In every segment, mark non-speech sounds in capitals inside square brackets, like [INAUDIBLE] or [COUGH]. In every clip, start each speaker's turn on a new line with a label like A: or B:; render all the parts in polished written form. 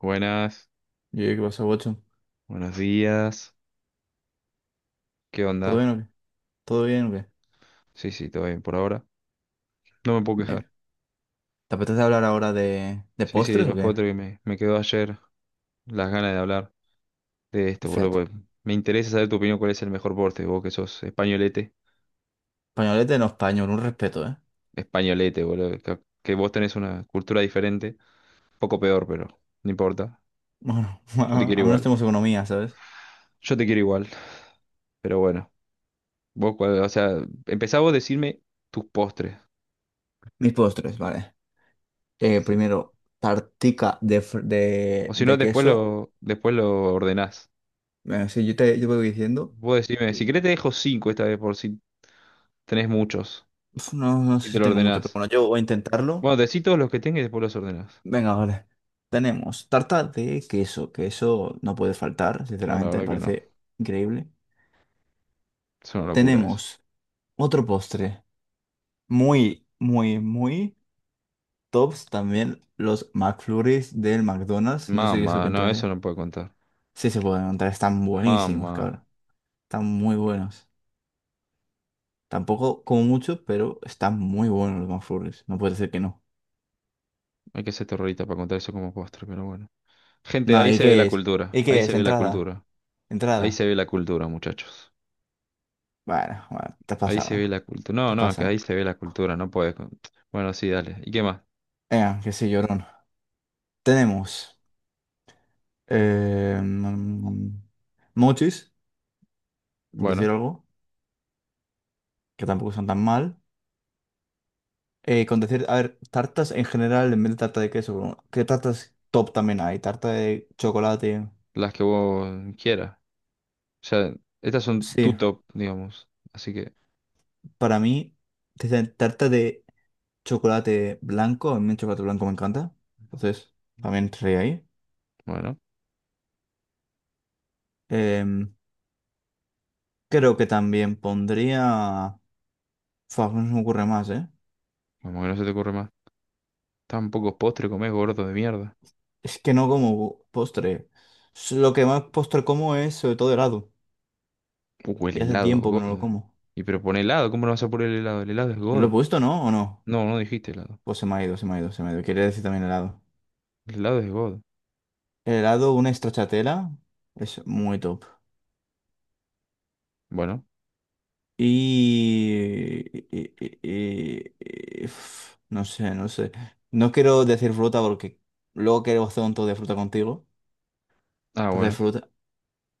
A: Buenas,
B: Y yo, ¿qué pasó, Watson?
A: buenos días. ¿Qué
B: ¿Todo
A: onda?
B: bien o qué? ¿Todo bien o qué?
A: Sí, sí, todo bien por ahora. No me puedo quejar.
B: Bien. ¿Te apetece hablar ahora de
A: Sí, sí,
B: postres o
A: los
B: qué?
A: potres que me quedó ayer las ganas de hablar de esto, boludo,
B: Perfecto.
A: porque me interesa saber tu opinión, cuál es el mejor porte, vos que sos españolete.
B: Españolete no español, un respeto, ¿eh?
A: Españolete, boludo. Que vos tenés una cultura diferente, poco peor, pero no importa.
B: Bueno,
A: Yo te
B: [LAUGHS]
A: quiero
B: al menos
A: igual.
B: tenemos economía, ¿sabes?
A: Yo te quiero igual. Pero bueno, vos, o sea, empezá vos a decirme tus postres.
B: Mis postres, vale.
A: que se-
B: Primero, tartica de,
A: O si no,
B: de queso.
A: después lo ordenás.
B: Bueno, sí, yo voy diciendo.
A: Vos decime, si
B: Y,
A: querés te dejo cinco esta vez por si tenés muchos
B: uf, no
A: y
B: sé
A: te
B: si
A: lo
B: tengo mucho, pero
A: ordenás.
B: bueno, yo voy a
A: Bueno,
B: intentarlo.
A: decí todos los que tengas y después los ordenás.
B: Venga, vale. Tenemos tarta de queso, que eso no puede faltar,
A: No, la
B: sinceramente, me
A: verdad que no.
B: parece increíble.
A: Es una locura eso.
B: Tenemos otro postre. Muy, muy, muy tops también los McFlurries del McDonald's. No sé qué eso que
A: Mamá, no, eso
B: entraré.
A: no puedo contar.
B: Sí se pueden encontrar, están buenísimos,
A: Mamá,
B: cabrón. Están muy buenos. Tampoco como mucho, pero están muy buenos los McFlurries. No puede ser que no.
A: hay que ser terrorista para contar eso como postre, pero bueno. Gente,
B: No,
A: ahí
B: ¿y
A: se ve la
B: qué es?
A: cultura,
B: ¿Y
A: ahí
B: qué
A: se
B: es?
A: ve la
B: Entrada.
A: cultura, ahí se
B: Entrada.
A: ve la cultura, muchachos.
B: Bueno, bueno, te has
A: Ahí se
B: pasado, ¿eh?
A: ve la cultura.
B: Te
A: No,
B: has
A: no, es que ahí
B: pasado.
A: se ve la cultura, no puedes. Bueno, sí, dale. ¿Y qué más?
B: Venga, que sí, llorón. Tenemos eh, mm, mochis, por decir
A: Bueno,
B: algo, que tampoco son tan mal. Con decir, a ver, tartas en general, en vez de tarta de queso, bueno, ¿qué tartas top también hay? Tarta de chocolate.
A: las que vos quieras. O sea, estas son
B: Sí,
A: tu top, digamos. Así que...
B: para mí, desde tarta de chocolate blanco, a mí el chocolate blanco me encanta. Entonces, también entraría ahí.
A: Bueno.
B: Em, Creo que también pondría... Fua, no se me ocurre más, ¿eh?
A: Como que no se te ocurre más. Tan pocos postres comes, gordo de mierda.
B: Es que no como postre. Lo que más postre como es sobre todo helado.
A: El
B: Y hace
A: helado,
B: tiempo que no lo
A: godo.
B: como.
A: Y pero pon helado, ¿cómo no vas a poner el helado? El helado es
B: ¿Lo he
A: godo.
B: puesto, no? ¿O no?
A: No, no dijiste helado.
B: Pues se me ha ido, se me ha ido, se me ha ido. Quería decir también helado.
A: El helado es godo.
B: El helado, una stracciatella, es muy top.
A: Bueno,
B: Y... y- y- y- Uf, no sé, no sé. No quiero decir fruta porque luego quiero hacer un tour de fruta contigo.
A: ah,
B: Entonces
A: bueno.
B: fruta,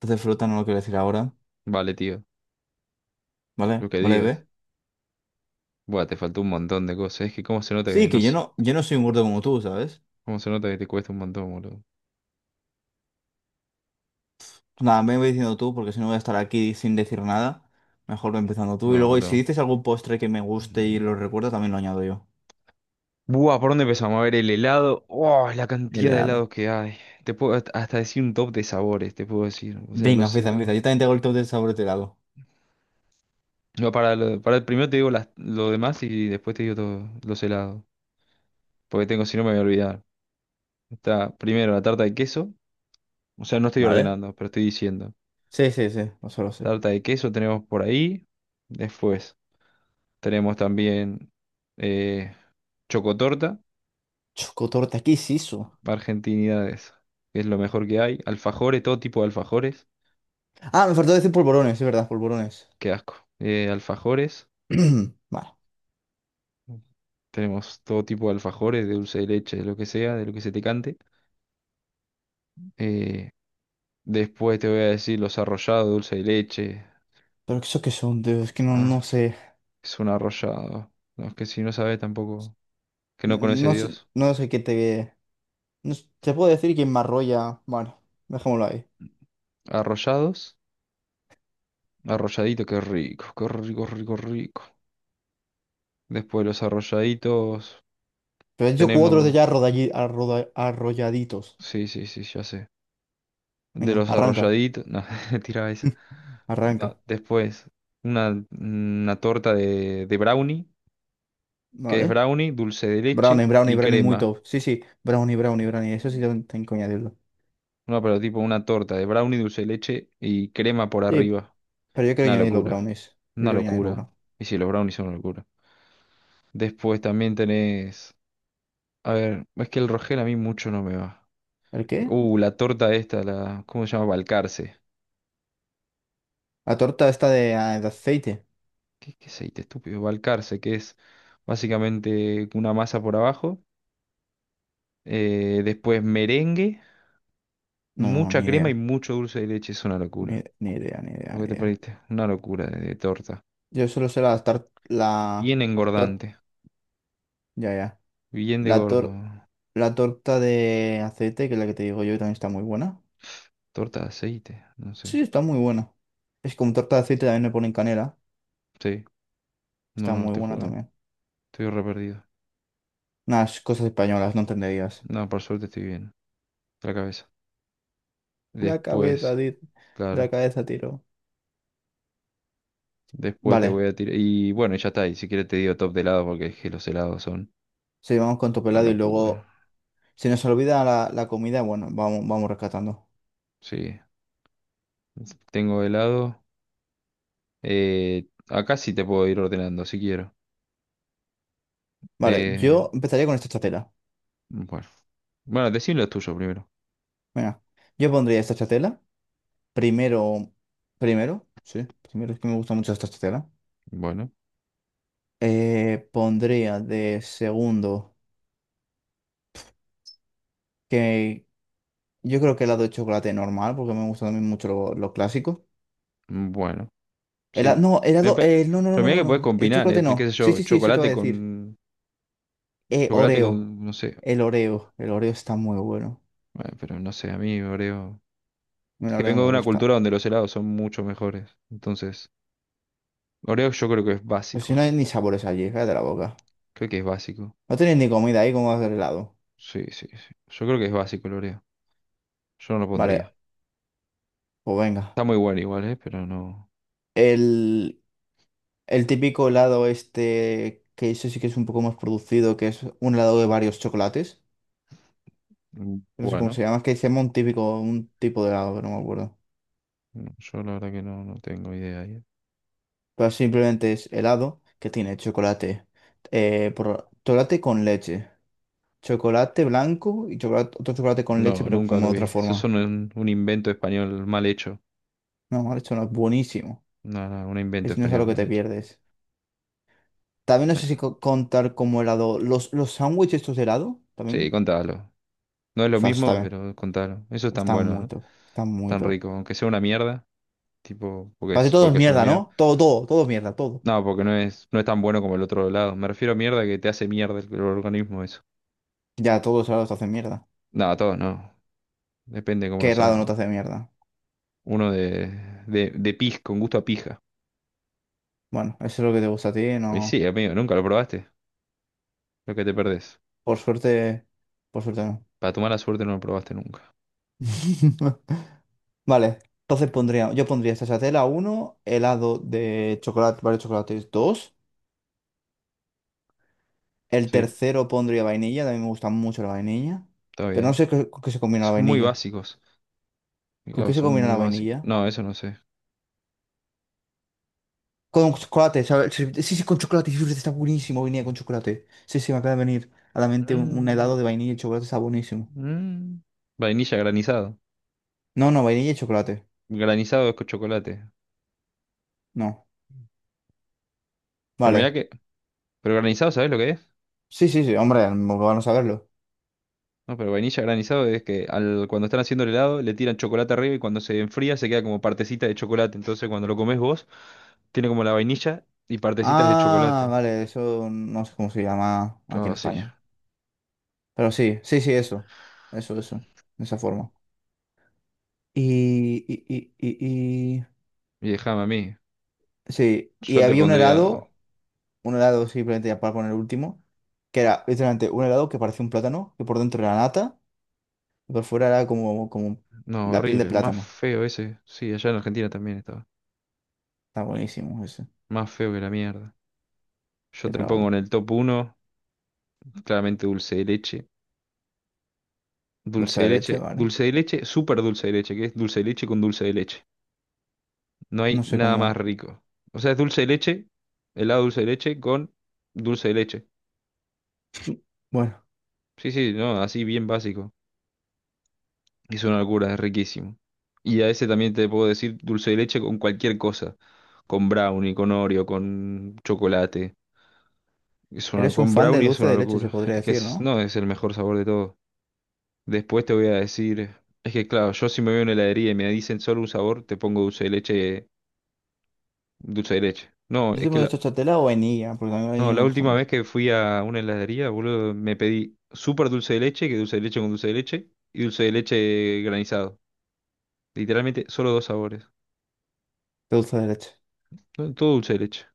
B: entonces fruta no lo quiero decir ahora.
A: Vale, tío. Lo
B: ¿Vale?
A: que
B: ¿Vale,
A: digas.
B: ve?
A: Buah, te faltó un montón de cosas. Es que cómo se nota que,
B: Sí,
A: no
B: que
A: sé.
B: yo no soy un gordo como tú, ¿sabes?
A: Cómo se nota que te cuesta un montón, boludo.
B: Nada, me voy diciendo tú porque si no voy a estar aquí sin decir nada. Mejor voy empezando tú. Y
A: No,
B: luego, y si
A: boludo.
B: dices algún postre que me guste y lo
A: Mm.
B: recuerdo, también lo añado yo.
A: Buah, ¿por dónde empezamos? A ver, el helado. Oh, la
B: El
A: cantidad de
B: helado.
A: helados que hay. Te puedo hasta decir un top de sabores, te puedo decir. O sea,
B: Venga,
A: los
B: empieza, empieza.
A: helados.
B: Yo también tengo el top de sabor de helado.
A: No, para, para el primero te digo lo demás y después te digo los helados. Porque tengo, si no me voy a olvidar. Está primero la tarta de queso. O sea, no estoy
B: ¿Vale?
A: ordenando, pero estoy diciendo.
B: Sí, sí, sí, no solo sé.
A: Tarta de queso tenemos por ahí. Después tenemos también eh, chocotorta,
B: Chocotorta, ¿qué es eso?
A: argentinidades, que es lo mejor que hay. Alfajores, todo tipo de alfajores.
B: Ah, me faltó decir polvorones, es verdad, polvorones.
A: Qué asco. Alfajores.
B: [CLEARS THROAT] Vale.
A: Tenemos todo tipo de alfajores, de dulce de leche, de lo que sea, de lo que se te cante. Eh, Después te voy a decir los arrollados, dulce de leche.
B: Pero eso que son, tío, es que no
A: Ah,
B: sé.
A: es un arrollado. No, es que si no sabes tampoco, que no conoce a
B: No sé,
A: Dios.
B: no sé qué te. No sé, te puedo decir quién me arrolla. Bueno, dejémoslo ahí.
A: Arrollados, arrolladito, qué rico, rico, rico. Después los arrolladitos,
B: Pero he hecho cuatro de
A: tenemos.
B: ya arrolladitos.
A: Sí, sí, sí, ya sé. De
B: Venga,
A: los
B: arranca,
A: arrolladitos, no, [LAUGHS] tiraba esa.
B: [LAUGHS]
A: No,
B: arranca.
A: después, una torta de brownie, que es
B: Vale.
A: brownie, dulce de
B: Brownie,
A: leche
B: brownie,
A: y
B: brownie muy
A: crema.
B: top. Sí, sí, brownie, brownie, brownie. Eso sí tengo que añadirlo.
A: No, pero tipo una torta de brownie, dulce de leche y crema por
B: Sí,
A: arriba.
B: pero yo quiero
A: Una
B: añadir los
A: locura.
B: brownies. Yo
A: Una
B: quiero añadir los
A: locura.
B: brownies.
A: Y sí, los brownies son una locura. Después también tenés. A ver, es que el Rogel a mí mucho no me va.
B: ¿El qué?
A: La torta esta, la. ¿Cómo se llama? Balcarce.
B: La torta esta de, ah, de aceite.
A: ¿Qué, qué aceite estúpido? Balcarce, que es básicamente una masa por abajo. Después merengue,
B: No,
A: mucha
B: ni
A: crema y
B: idea.
A: mucho dulce de leche. Es una locura.
B: Ni, ni idea, ni idea,
A: Lo
B: ni
A: que te
B: idea.
A: perdiste. Una locura de torta.
B: Yo solo sé
A: Bien
B: tor-
A: engordante.
B: ya, ya.
A: Bien de
B: La
A: gordo.
B: tor- la torta de aceite, que es la que te digo yo, también está muy buena.
A: Torta de aceite. No sé.
B: Sí, está muy buena. Es como torta de aceite también le ponen canela.
A: Sí. No,
B: Está
A: no,
B: muy
A: te
B: buena
A: juro.
B: también.
A: Estoy re perdido.
B: Unas cosas españolas, no entenderías.
A: No, por suerte estoy bien. De la cabeza.
B: La cabeza,
A: Después,
B: la
A: claro.
B: cabeza tiro.
A: Después te
B: Vale.
A: voy a tirar. Y bueno, ya está. Y si quieres te digo top de helado porque es que los helados son
B: Sí, vamos con
A: una
B: pelado y
A: locura.
B: luego. Si nos olvida la comida, bueno, vamos, vamos rescatando.
A: Sí. Tengo helado. Acá sí te puedo ir ordenando si quiero.
B: Vale,
A: Eh,
B: yo empezaría con esta chatela.
A: bueno. Bueno, decir los tuyos primero.
B: Mira, yo pondría esta chatela. Primero, primero, sí, primero es que me gusta mucho esta chatela.
A: Bueno.
B: Pondría de segundo, que yo creo que helado de chocolate normal, porque me gusta también mucho lo clásico.
A: Bueno. Sí.
B: No,
A: Me
B: helado,
A: pa-
B: no, no, no,
A: Pero
B: no,
A: mira
B: no,
A: que podés
B: no, el
A: combinar,
B: chocolate
A: ¿eh? Qué sé
B: no. Sí,
A: yo,
B: sí, sí, eso te voy a
A: chocolate
B: decir.
A: con. Chocolate
B: Oreo,
A: con. No sé.
B: el Oreo, el Oreo está muy bueno.
A: Bueno, pero no sé, a mí, Oreo. Es
B: El
A: que
B: Oreo
A: vengo de
B: me
A: una
B: gusta.
A: cultura donde los helados son mucho mejores. Entonces, Oreo yo creo que es
B: Pues si
A: básico.
B: no hay ni sabores allí, cállate la boca.
A: Creo que es básico.
B: No tenéis ni comida ahí, ¿cómo hacer helado?
A: Sí, sí, sí. Yo creo que es básico el Oreo. Yo no lo
B: Vale,
A: pondría.
B: pues venga.
A: Está muy bueno igual, ¿eh? Pero no.
B: El... El típico helado este, que eso sí que es un poco más producido, que es un helado de varios chocolates.
A: Mm,
B: No sé cómo
A: bueno,
B: se llama, es que se llama un típico, un tipo de helado, pero no me acuerdo.
A: no, yo la verdad que no, no tengo idea ahí.
B: Pero simplemente es helado que tiene chocolate, chocolate con leche, chocolate blanco y chocolate, otro chocolate con leche,
A: No,
B: pero
A: nunca
B: como
A: lo
B: de
A: vi.
B: otra
A: Eso es
B: forma.
A: un invento español mal hecho.
B: No, mal hecho, no, es buenísimo.
A: No, no, un invento
B: Es, no es algo
A: español
B: que
A: mal
B: te
A: hecho.
B: pierdes. También no sé
A: Nah,
B: si contar como helado, los sándwiches estos de helado,
A: sí,
B: también.
A: contalo. No es lo
B: Fast, está
A: mismo,
B: bien.
A: pero contalo. Eso es tan
B: Está
A: bueno,
B: muy
A: ¿eh?
B: top, está muy
A: Tan
B: top.
A: rico. Aunque sea una mierda, tipo,
B: Casi todo es
A: porque es una
B: mierda,
A: mierda.
B: ¿no? Todo, todo, todo es mierda, todo.
A: No, porque no es, no es tan bueno como el otro lado. Me refiero a mierda que te hace mierda el organismo eso.
B: Ya, todos lados te hacen mierda.
A: No, todo no. Depende cómo lo
B: ¿Qué helado no te
A: hagan.
B: hace mierda?
A: Uno de, de pis, con gusto a pija.
B: Bueno, eso es lo que te gusta a ti,
A: Y sí,
B: no.
A: amigo, nunca lo probaste. Lo que te perdés.
B: Por suerte, por suerte no.
A: Para tu mala suerte no lo probaste nunca.
B: [LAUGHS] Vale, entonces pondría, yo pondría tela uno helado de chocolate, varios chocolates 2 el
A: Sí,
B: tercero pondría vainilla, también me gusta mucho la vainilla,
A: está
B: pero no
A: bien.
B: sé con qué se combina la
A: Son muy
B: vainilla.
A: básicos.
B: ¿Con
A: Digo,
B: qué se
A: son
B: combina
A: muy
B: la
A: básicos.
B: vainilla?
A: No, eso no sé.
B: Con chocolate, ¿sabes? Sí, sí, con chocolate, sí, está buenísimo vainilla con chocolate. Sí, sí, me acaba de venir a la mente un helado
A: Mm,
B: de vainilla y chocolate, está buenísimo.
A: mm. Vainilla granizado.
B: No, no, vainilla y chocolate.
A: Granizado es con chocolate.
B: No.
A: Pero mirá
B: Vale.
A: que... ¿Pero granizado sabés lo que es?
B: Sí, sí, sí, hombre, vamos a verlo.
A: No, pero vainilla granizado es que al, cuando están haciendo el helado le tiran chocolate arriba y cuando se enfría se queda como partecita de chocolate. Entonces cuando lo comes vos, tiene como la vainilla y partecitas de
B: Ah,
A: chocolate.
B: vale, eso no sé cómo se llama aquí
A: Ah,
B: en
A: sí.
B: España. Pero sí, sí, sí, eso. Eso, eso. De esa forma. Y, y, y, y, y-
A: Y déjame a mí.
B: Sí, y
A: Yo te
B: había
A: pondría...
B: un helado simplemente ya para poner el último, que era literalmente un helado que parecía un plátano, que por dentro era nata. Por fuera era como, como
A: No,
B: la piel de
A: horrible. Más
B: plátano.
A: feo ese. Sí, allá en Argentina también estaba.
B: Está buenísimo ese.
A: Más feo que la mierda. Yo
B: Que te
A: te
B: la
A: pongo en
B: boca.
A: el top uno, claramente dulce de leche. Dulce
B: Dulce
A: de
B: de leche,
A: leche.
B: ¿vale?
A: Dulce de leche, súper dulce de leche, que es dulce de leche con dulce de leche. No hay
B: No sé
A: nada más
B: cómo.
A: rico. O sea, es dulce de leche, helado dulce de leche con dulce de leche.
B: Bueno,
A: Sí, sí, no, así bien básico. Es una locura, es riquísimo. Y a ese también te puedo decir dulce de leche con cualquier cosa. Con brownie, con Oreo, con chocolate. Es una,
B: eres un
A: con
B: fan de
A: brownie es
B: dulce
A: una
B: de leche, se
A: locura. [LAUGHS]
B: podría
A: Es que
B: decir,
A: es,
B: ¿no?
A: no, es el mejor sabor de todo. Después te voy a decir, es que claro, yo si me voy a una heladería y me dicen solo un sabor, te pongo dulce de leche, dulce de leche. No,
B: Yo
A: es que
B: tengo de chochatela o vainilla, porque a mí la
A: no,
B: vainilla me
A: la
B: gusta
A: última
B: mucho.
A: vez que fui a una heladería, boludo, me pedí súper dulce de leche, que dulce de leche con dulce de leche, y dulce de leche granizado. Literalmente, solo dos sabores.
B: De dulce de leche.
A: No, todo dulce de leche.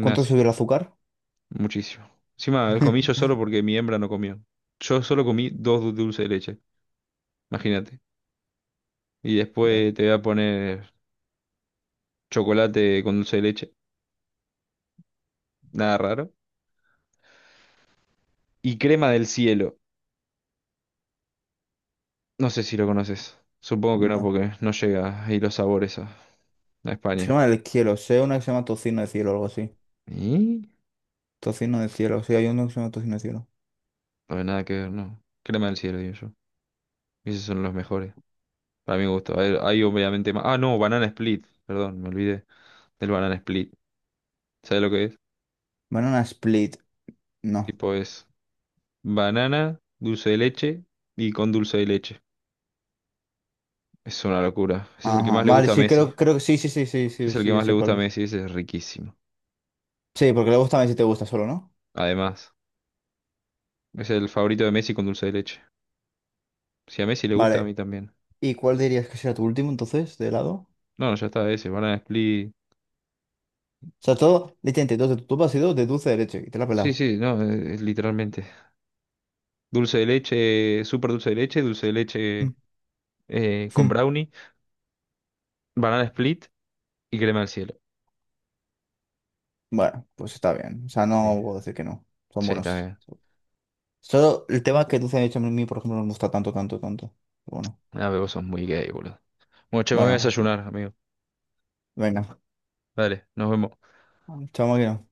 B: ¿Cuánto subió el azúcar?
A: Muchísimo. Encima, el comí yo
B: [LAUGHS]
A: solo porque mi hembra no comió. Yo solo comí dulce de leche. Imagínate. Y
B: Ya.
A: después te voy a poner chocolate con dulce de leche. Nada raro. Y crema del cielo. No sé si lo conoces. Supongo que no,
B: No.
A: porque no llega ahí los sabores a
B: Se
A: España.
B: llama el cielo. Sé una que se llama tocino de cielo o algo así.
A: Y
B: Tocino de cielo. Sí, hay uno que se llama tocino de cielo.
A: no hay nada que ver, no. Crema del cielo, digo yo. Esos son los mejores. Para mi gusto. Hay obviamente más. Ah, no, banana split. Perdón, me olvidé del banana split. ¿Sabes lo que es?
B: Banana split. No.
A: Tipo es banana, dulce de leche y con dulce de leche. Es una locura. Ese es el que
B: Ajá.
A: más le
B: Vale,
A: gusta a
B: sí,
A: Messi.
B: creo, creo que sí, sí, sí, sí,
A: Ese
B: sí,
A: es el
B: sí,
A: que
B: yo
A: más le
B: sé
A: gusta a
B: cuál es.
A: Messi. Ese es riquísimo.
B: Sí, porque luego también si te gusta solo, ¿no?
A: Además, es el favorito de Messi con dulce de leche. Si a Messi le gusta, a
B: Vale,
A: mí también.
B: ¿y cuál dirías que será tu último entonces, de lado? O
A: No, no, ya está ese. Banana split.
B: sea, todo, literalmente, dos de tu top ha sido de dulce derecho y te la
A: Sí,
B: pelas.
A: sí, no, es literalmente. Dulce de leche, súper dulce de leche
B: Mm,
A: con
B: mm.
A: brownie, banana split y crema del cielo.
B: Bueno, pues está bien. O sea,
A: Sí.
B: no puedo decir que no. Son
A: Sí, está
B: buenos.
A: bien.
B: Solo el tema que dulce derecho a mí, por ejemplo, no me gusta tanto, tanto, tanto. Bueno,
A: Ah, pero vos sos muy gay, boludo. Bueno, che, me voy a
B: bueno,
A: desayunar, amigo.
B: venga.
A: Dale, nos vemos.
B: Chao, máquina.